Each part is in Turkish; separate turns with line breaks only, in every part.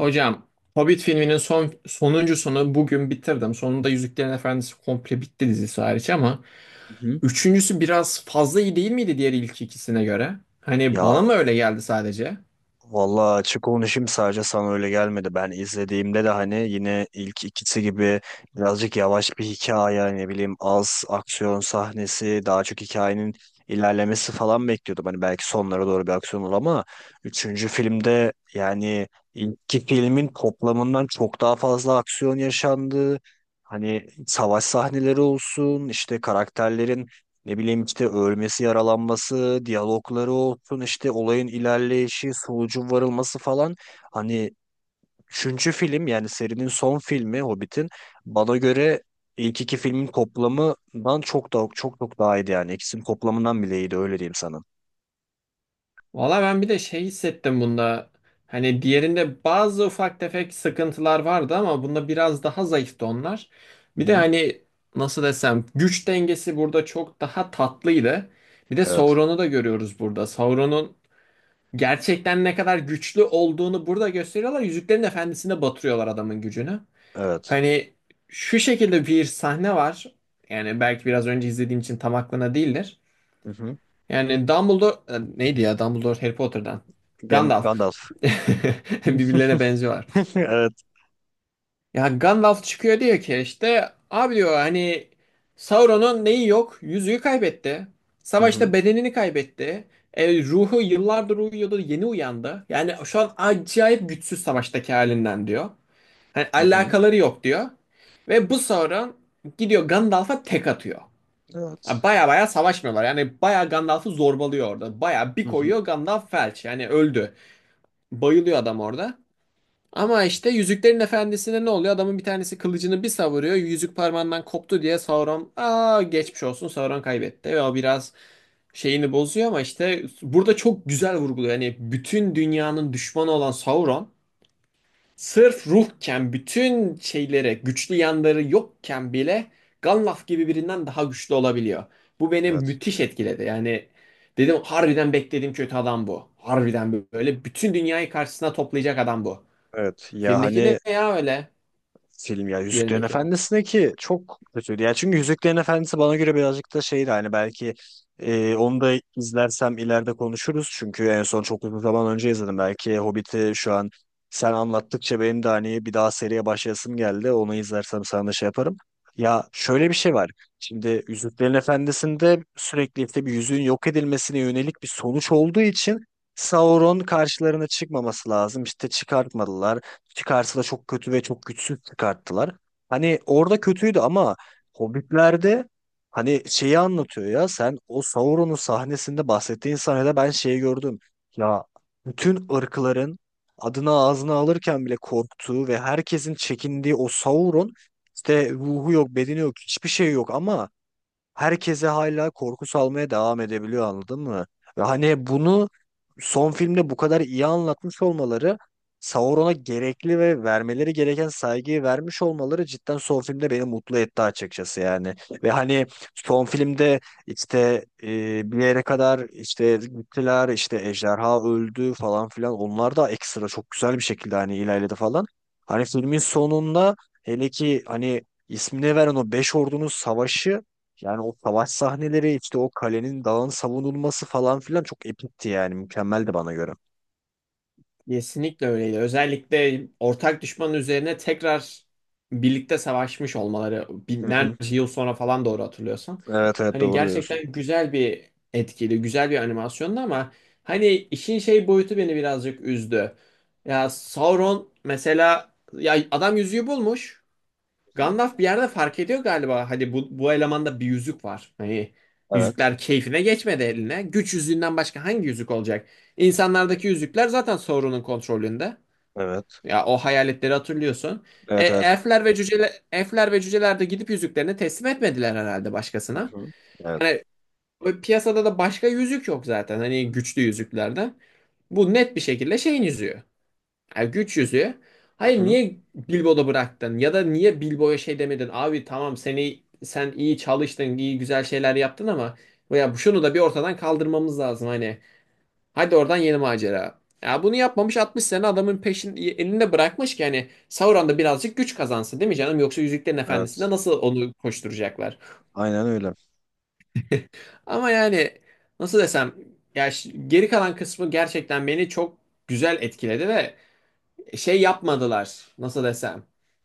Hocam, Hobbit filminin sonuncusunu bugün bitirdim. Sonunda Yüzüklerin Efendisi komple bitti, dizisi hariç ama
Hı hı.
üçüncüsü biraz fazla iyi değil miydi diğer ilk ikisine göre? Hani bana
Ya
mı öyle geldi sadece?
vallahi açık konuşayım, sadece sana öyle gelmedi. Ben izlediğimde de hani yine ilk ikisi gibi birazcık yavaş bir hikaye, ne bileyim az aksiyon sahnesi, daha çok hikayenin ilerlemesi falan bekliyordum. Hani belki sonlara doğru bir aksiyon olur ama üçüncü filmde yani ilk filmin toplamından çok daha fazla aksiyon yaşandı. Hani savaş sahneleri olsun, işte karakterlerin ne bileyim işte ölmesi, yaralanması, diyalogları olsun, işte olayın ilerleyişi, sonucun varılması falan. Hani üçüncü film yani serinin son filmi Hobbit'in bana göre ilk iki filmin toplamından çok da çok çok daha iyiydi yani. İkisinin toplamından bile iyiydi, öyle diyeyim sana.
Valla ben bir de şey hissettim bunda. Hani diğerinde bazı ufak tefek sıkıntılar vardı ama bunda biraz daha zayıftı onlar.
Hı
Bir de
hı.
hani nasıl desem, güç dengesi burada çok daha tatlıydı. Bir de
Evet.
Sauron'u da görüyoruz burada. Sauron'un gerçekten ne kadar güçlü olduğunu burada gösteriyorlar. Yüzüklerin Efendisi'nde batırıyorlar adamın gücünü.
Evet.
Hani şu şekilde bir sahne var. Yani belki biraz önce izlediğim için tam aklına değildir.
Hı hı.
Yani Dumbledore neydi ya, Dumbledore Harry Potter'dan. Gandalf.
Gandalf.
Birbirlerine benziyorlar.
Evet.
Ya Gandalf çıkıyor diyor ki, işte abi diyor hani, Sauron'un neyi yok? Yüzüğü kaybetti.
Hı hı.
Savaşta bedenini kaybetti. Ruhu yıllardır uyuyordu, yeni uyandı. Yani şu an acayip güçsüz savaştaki halinden diyor. Hani
Hı hı.
alakaları yok diyor. Ve bu Sauron gidiyor Gandalf'a tek atıyor.
Evet.
Ha, baya baya savaşmıyorlar. Yani baya Gandalf'ı zorbalıyor orada. Baya bir
Hı hı.
koyuyor, Gandalf felç. Yani öldü. Bayılıyor adam orada. Ama işte Yüzüklerin Efendisi'nde ne oluyor? Adamın bir tanesi kılıcını bir savuruyor. Yüzük parmağından koptu diye Sauron, aa geçmiş olsun, Sauron kaybetti. Ve o biraz şeyini bozuyor ama işte burada çok güzel vurguluyor. Yani bütün dünyanın düşmanı olan Sauron sırf ruhken, bütün şeylere güçlü yanları yokken bile Gandalf gibi birinden daha güçlü olabiliyor. Bu beni
Evet.
müthiş etkiledi. Yani dedim harbiden beklediğim kötü adam bu. Harbiden böyle bütün dünyayı karşısına toplayacak adam bu.
Evet. Ya
Filmdeki ne
hani
ya öyle?
film ya, Yüzüklerin
Diğerindeki.
Efendisi'ne ki çok kötüydü. Ya çünkü Yüzüklerin Efendisi bana göre birazcık da şeydi hani, belki onu da izlersem ileride konuşuruz. Çünkü en son çok uzun zaman önce izledim. Belki Hobbit'i şu an sen anlattıkça benim de hani bir daha seriye başlayasım geldi. Onu izlersem sana da şey yaparım. Ya şöyle bir şey var. Şimdi Yüzüklerin Efendisi'nde sürekli işte bir yüzüğün yok edilmesine yönelik bir sonuç olduğu için Sauron karşılarına çıkmaması lazım. İşte çıkartmadılar, çıkarsa da çok kötü ve çok güçsüz çıkarttılar. Hani orada kötüydü ama Hobbit'lerde hani şeyi anlatıyor ya, sen o Sauron'un sahnesinde bahsettiğin sahnede ben şeyi gördüm. Ya bütün ırkların adını ağzına alırken bile korktuğu ve herkesin çekindiği o Sauron, işte ruhu yok, bedeni yok, hiçbir şey yok ama herkese hala korku salmaya devam edebiliyor, anladın mı? Ve hani bunu son filmde bu kadar iyi anlatmış olmaları, Sauron'a gerekli ve vermeleri gereken saygıyı vermiş olmaları cidden son filmde beni mutlu etti açıkçası yani. Ve hani son filmde işte bir yere kadar işte gittiler, işte ejderha öldü falan filan, onlar da ekstra çok güzel bir şekilde hani ilerledi falan. Hani filmin sonunda, hele ki hani ismini veren o beş ordunun savaşı, yani o savaş sahneleri, işte o kalenin, dağın savunulması falan filan çok epikti yani, mükemmeldi bana göre.
Kesinlikle öyleydi. Özellikle ortak düşmanın üzerine tekrar birlikte savaşmış olmaları
Hı hı.
binlerce yıl sonra falan, doğru hatırlıyorsam.
Evet, evet,
Hani
doğru diyorsun.
gerçekten güzel bir etkili, güzel bir animasyondu ama hani işin şey boyutu beni birazcık üzdü. Ya Sauron mesela, ya adam yüzüğü bulmuş.
Hı hı.
Gandalf bir yerde fark ediyor galiba. Hadi bu elemanda bir yüzük var. Hani
Evet.
yüzükler keyfine geçmedi eline. Güç yüzüğünden başka hangi yüzük olacak?
Hı hı.
İnsanlardaki yüzükler zaten Sauron'un kontrolünde.
Evet.
Ya o hayaletleri hatırlıyorsun.
Evet evet.
Elfler ve cüceler, elfler ve cüceler, de gidip yüzüklerini teslim etmediler herhalde
Hı
başkasına.
hı. Evet.
Hani o piyasada da başka yüzük yok zaten. Hani güçlü yüzüklerde. Bu net bir şekilde şeyin yüzüğü. Ya güç yüzüğü.
Hı
Hayır,
hı.
niye Bilbo'da bıraktın? Ya da niye Bilbo'ya şey demedin? Abi tamam, seni sen iyi çalıştın, iyi güzel şeyler yaptın ama ya şunu da bir ortadan kaldırmamız lazım hani. Hadi oradan yeni macera. Ya bunu yapmamış, 60 sene adamın peşin elinde bırakmış ki hani Sauron da birazcık güç kazansın değil mi canım? Yoksa Yüzüklerin Efendisi'nde
Evet.
nasıl onu koşturacaklar?
Aynen öyle.
Ama yani nasıl desem, geri kalan kısmı gerçekten beni çok güzel etkiledi ve şey yapmadılar. Nasıl desem?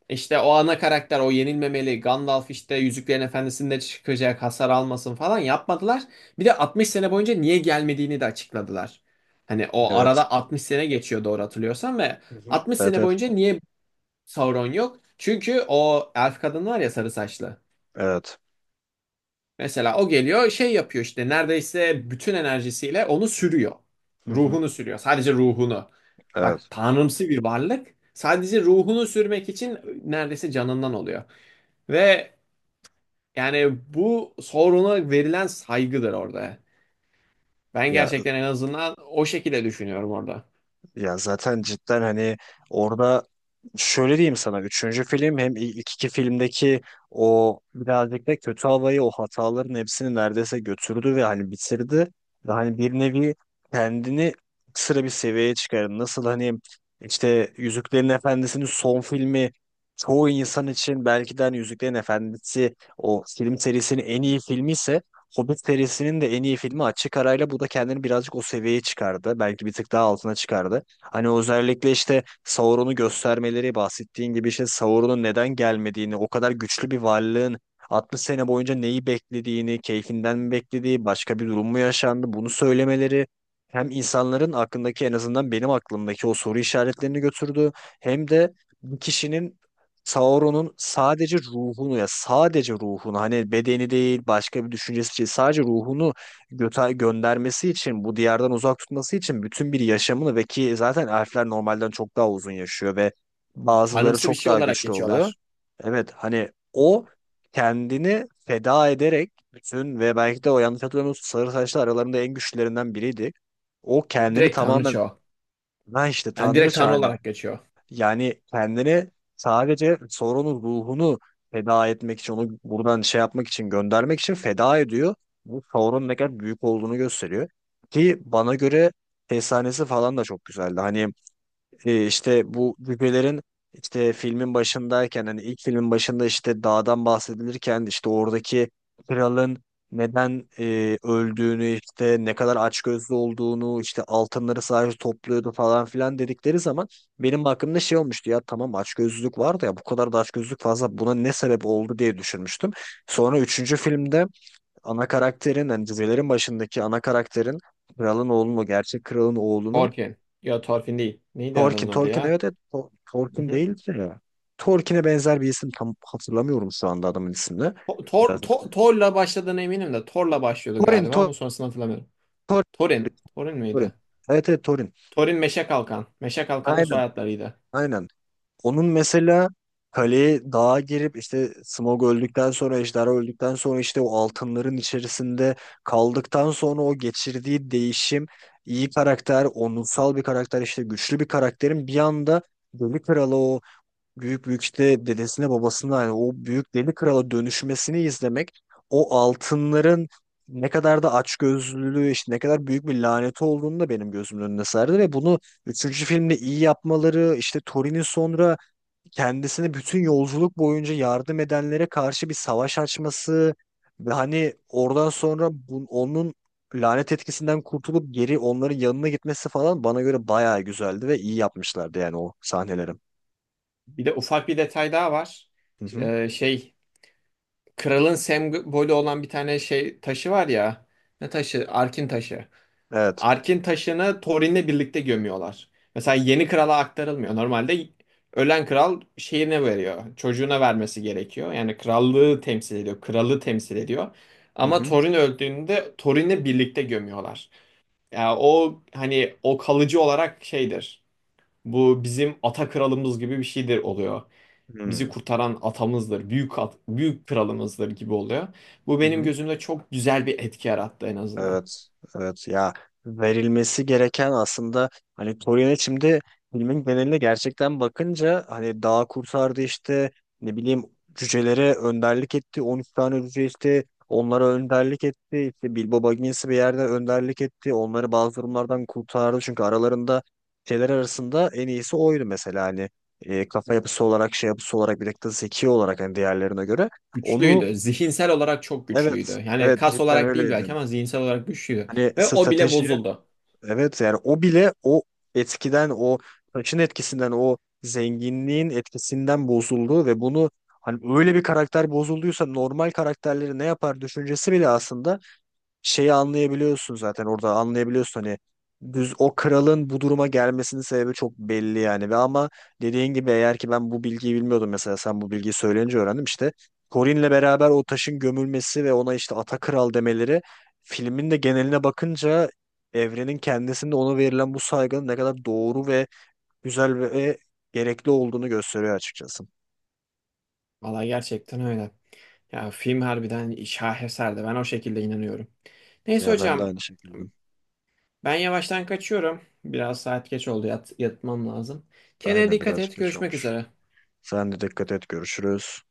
İşte o ana karakter o yenilmemeli. Gandalf işte Yüzüklerin Efendisi'nde çıkacak, hasar almasın falan yapmadılar. Bir de 60 sene boyunca niye gelmediğini de açıkladılar. Hani o
Evet.
arada 60 sene geçiyor doğru hatırlıyorsam ve
Hı hı.
60
Evet
sene
evet.
boyunca niye Sauron yok? Çünkü o elf kadın var ya sarı saçlı.
Evet.
Mesela o geliyor şey yapıyor, işte neredeyse bütün enerjisiyle onu sürüyor.
Hı hı.
Ruhunu sürüyor. Sadece ruhunu. Bak,
Evet.
tanrımsı bir varlık. Sadece ruhunu sürmek için neredeyse canından oluyor. Ve yani bu soruna verilen saygıdır orada. Ben
Ya
gerçekten en azından o şekilde düşünüyorum orada.
ya zaten cidden hani orada şöyle diyeyim sana, üçüncü film hem ilk iki filmdeki o birazcık da kötü havayı, o hataların hepsini neredeyse götürdü ve hani bitirdi. Ve hani bir nevi kendini sıra bir seviyeye çıkardı. Nasıl hani işte Yüzüklerin Efendisi'nin son filmi, çoğu insan için belki de hani Yüzüklerin Efendisi o film serisinin en iyi filmi ise, Hobbit serisinin de en iyi filmi açık arayla bu da kendini birazcık o seviyeye çıkardı. Belki bir tık daha altına çıkardı. Hani özellikle işte Sauron'u göstermeleri, bahsettiğin gibi işte Sauron'un neden gelmediğini, o kadar güçlü bir varlığın 60 sene boyunca neyi beklediğini, keyfinden mi beklediği, başka bir durum mu yaşandı bunu söylemeleri, hem insanların aklındaki en azından benim aklımdaki o soru işaretlerini götürdü, hem de bir kişinin, Sauron'un sadece ruhunu, ya sadece ruhunu, hani bedeni değil, başka bir düşüncesi değil, sadece ruhunu göndermesi için, bu diyardan uzak tutması için bütün bir yaşamını, ve ki zaten elfler normalden çok daha uzun yaşıyor ve bazıları
Tanrımsı bir
çok
şey
daha
olarak
güçlü oluyor.
geçiyorlar.
Evet, hani o kendini feda ederek bütün, ve belki de o, yanlış hatırlamıyorsam sarı saçlı aralarında en güçlülerinden biriydi. O kendini
Direkt
tamamen,
tanrıça o.
ben işte
Yani direkt
tanrıça
tanrı
hani,
olarak geçiyor.
yani kendini sadece sorunun ruhunu feda etmek için, onu buradan şey yapmak için, göndermek için feda ediyor. Bu Sauron'un ne kadar büyük olduğunu gösteriyor. Ki bana göre efsanesi falan da çok güzeldi. Hani işte bu cücelerin, işte filmin başındayken hani ilk filmin başında işte dağdan bahsedilirken, işte oradaki kralın neden öldüğünü, işte ne kadar açgözlü olduğunu, işte altınları sadece topluyordu falan filan dedikleri zaman, benim aklımda şey olmuştu: ya tamam açgözlülük vardı ya, bu kadar da açgözlülük fazla, buna ne sebep oldu diye düşünmüştüm. Sonra üçüncü filmde ana karakterin, hani cücelerin başındaki ana karakterin, kralın oğlunun, o gerçek kralın oğlunun
Thorfinn. Yok, Thorfinn değil. Neydi adamın
Torkin.
adı
Torkin
ya?
evet evet. Torkin değildi ya. Torkin'e benzer bir isim, tam hatırlamıyorum şu anda adamın ismini.
Tor,
Biraz-
Tor'la başladığına eminim de, Tor'la başlıyordu
Torin.
galiba ama sonrasını hatırlamıyorum.
Tor-
Torin. Torin
Torin.
miydi?
Evet evet, Torin.
Torin Meşe Kalkan. Meşe Kalkan da
Aynen.
soyadlarıydı.
Aynen. Onun mesela kaleye, dağa girip işte Smog öldükten sonra, Ejderha öldükten sonra işte o altınların içerisinde kaldıktan sonra o geçirdiği değişim, iyi karakter, onursal bir karakter, işte güçlü bir karakterin bir anda Deli Kralı o büyük işte dedesine, babasına, hani o büyük deli krala dönüşmesini izlemek, o altınların ne kadar da açgözlülüğü, işte ne kadar büyük bir laneti olduğunu da benim gözümün önüne serdi, ve bunu üçüncü filmde iyi yapmaları, işte Thorin'in sonra kendisine bütün yolculuk boyunca yardım edenlere karşı bir savaş açması, ve hani oradan sonra onun lanet etkisinden kurtulup geri onların yanına gitmesi falan bana göre bayağı güzeldi ve iyi yapmışlardı yani o sahnelerim.
Bir de ufak bir detay daha var.
Hı hı.
Şey, kralın sembolü olan bir tane şey taşı var ya. Ne taşı? Arkin taşı.
Evet.
Ark'in taşını Thorin'le birlikte gömüyorlar. Mesela yeni krala aktarılmıyor. Normalde ölen kral şeyine veriyor. Çocuğuna vermesi gerekiyor. Yani krallığı temsil ediyor. Kralı temsil ediyor.
Hı
Ama
hı.
Thorin öldüğünde Thorin'le birlikte gömüyorlar. Yani o hani o kalıcı olarak şeydir. Bu bizim ata kralımız gibi bir şeydir oluyor.
Hı
Bizi
hı.
kurtaran atamızdır, büyük büyük kralımızdır gibi oluyor. Bu benim
Hı.
gözümde çok güzel bir etki yarattı en azından.
Evet, evet ya, verilmesi gereken aslında, hani Torino şimdi filmin geneline gerçekten bakınca, hani dağ kurtardı işte, ne bileyim cücelere önderlik etti, 13 tane cüce, işte onlara önderlik etti, işte Bilbo Baggins'i bir yerde önderlik etti, onları bazı durumlardan kurtardı, çünkü aralarında, şeyler arasında en iyisi oydu mesela, hani kafa yapısı olarak, şey yapısı olarak, bir de zeki olarak hani diğerlerine göre onu.
Güçlüydü. Zihinsel olarak çok güçlüydü.
Evet,
Yani
evet
kas
cidden
olarak değil
öyleydi.
belki ama zihinsel olarak güçlüydü.
Hani
Ve o bile
strateji,
bozuldu.
evet yani o bile o etkiden, o taşın etkisinden, o zenginliğin etkisinden bozuldu, ve bunu hani öyle bir karakter bozulduysa normal karakterleri ne yapar düşüncesi bile aslında, şeyi anlayabiliyorsun zaten orada, anlayabiliyorsun hani, düz o kralın bu duruma gelmesinin sebebi çok belli yani, ve ama dediğin gibi, eğer ki ben bu bilgiyi bilmiyordum mesela, sen bu bilgiyi söyleyince öğrendim, işte Corin'le beraber o taşın gömülmesi ve ona işte ata kral demeleri, filmin de geneline bakınca evrenin kendisinde ona verilen bu saygının ne kadar doğru ve güzel ve gerekli olduğunu gösteriyor açıkçası.
Valla gerçekten öyle. Ya film harbiden şaheserdi. Ben o şekilde inanıyorum. Neyse
Ya ben de
hocam,
aynı şekilde.
ben yavaştan kaçıyorum. Biraz saat geç oldu. Yatmam lazım. Kendine
Aynen,
dikkat
birazcık
et.
geç
Görüşmek
olmuş.
üzere.
Sen de dikkat et, görüşürüz.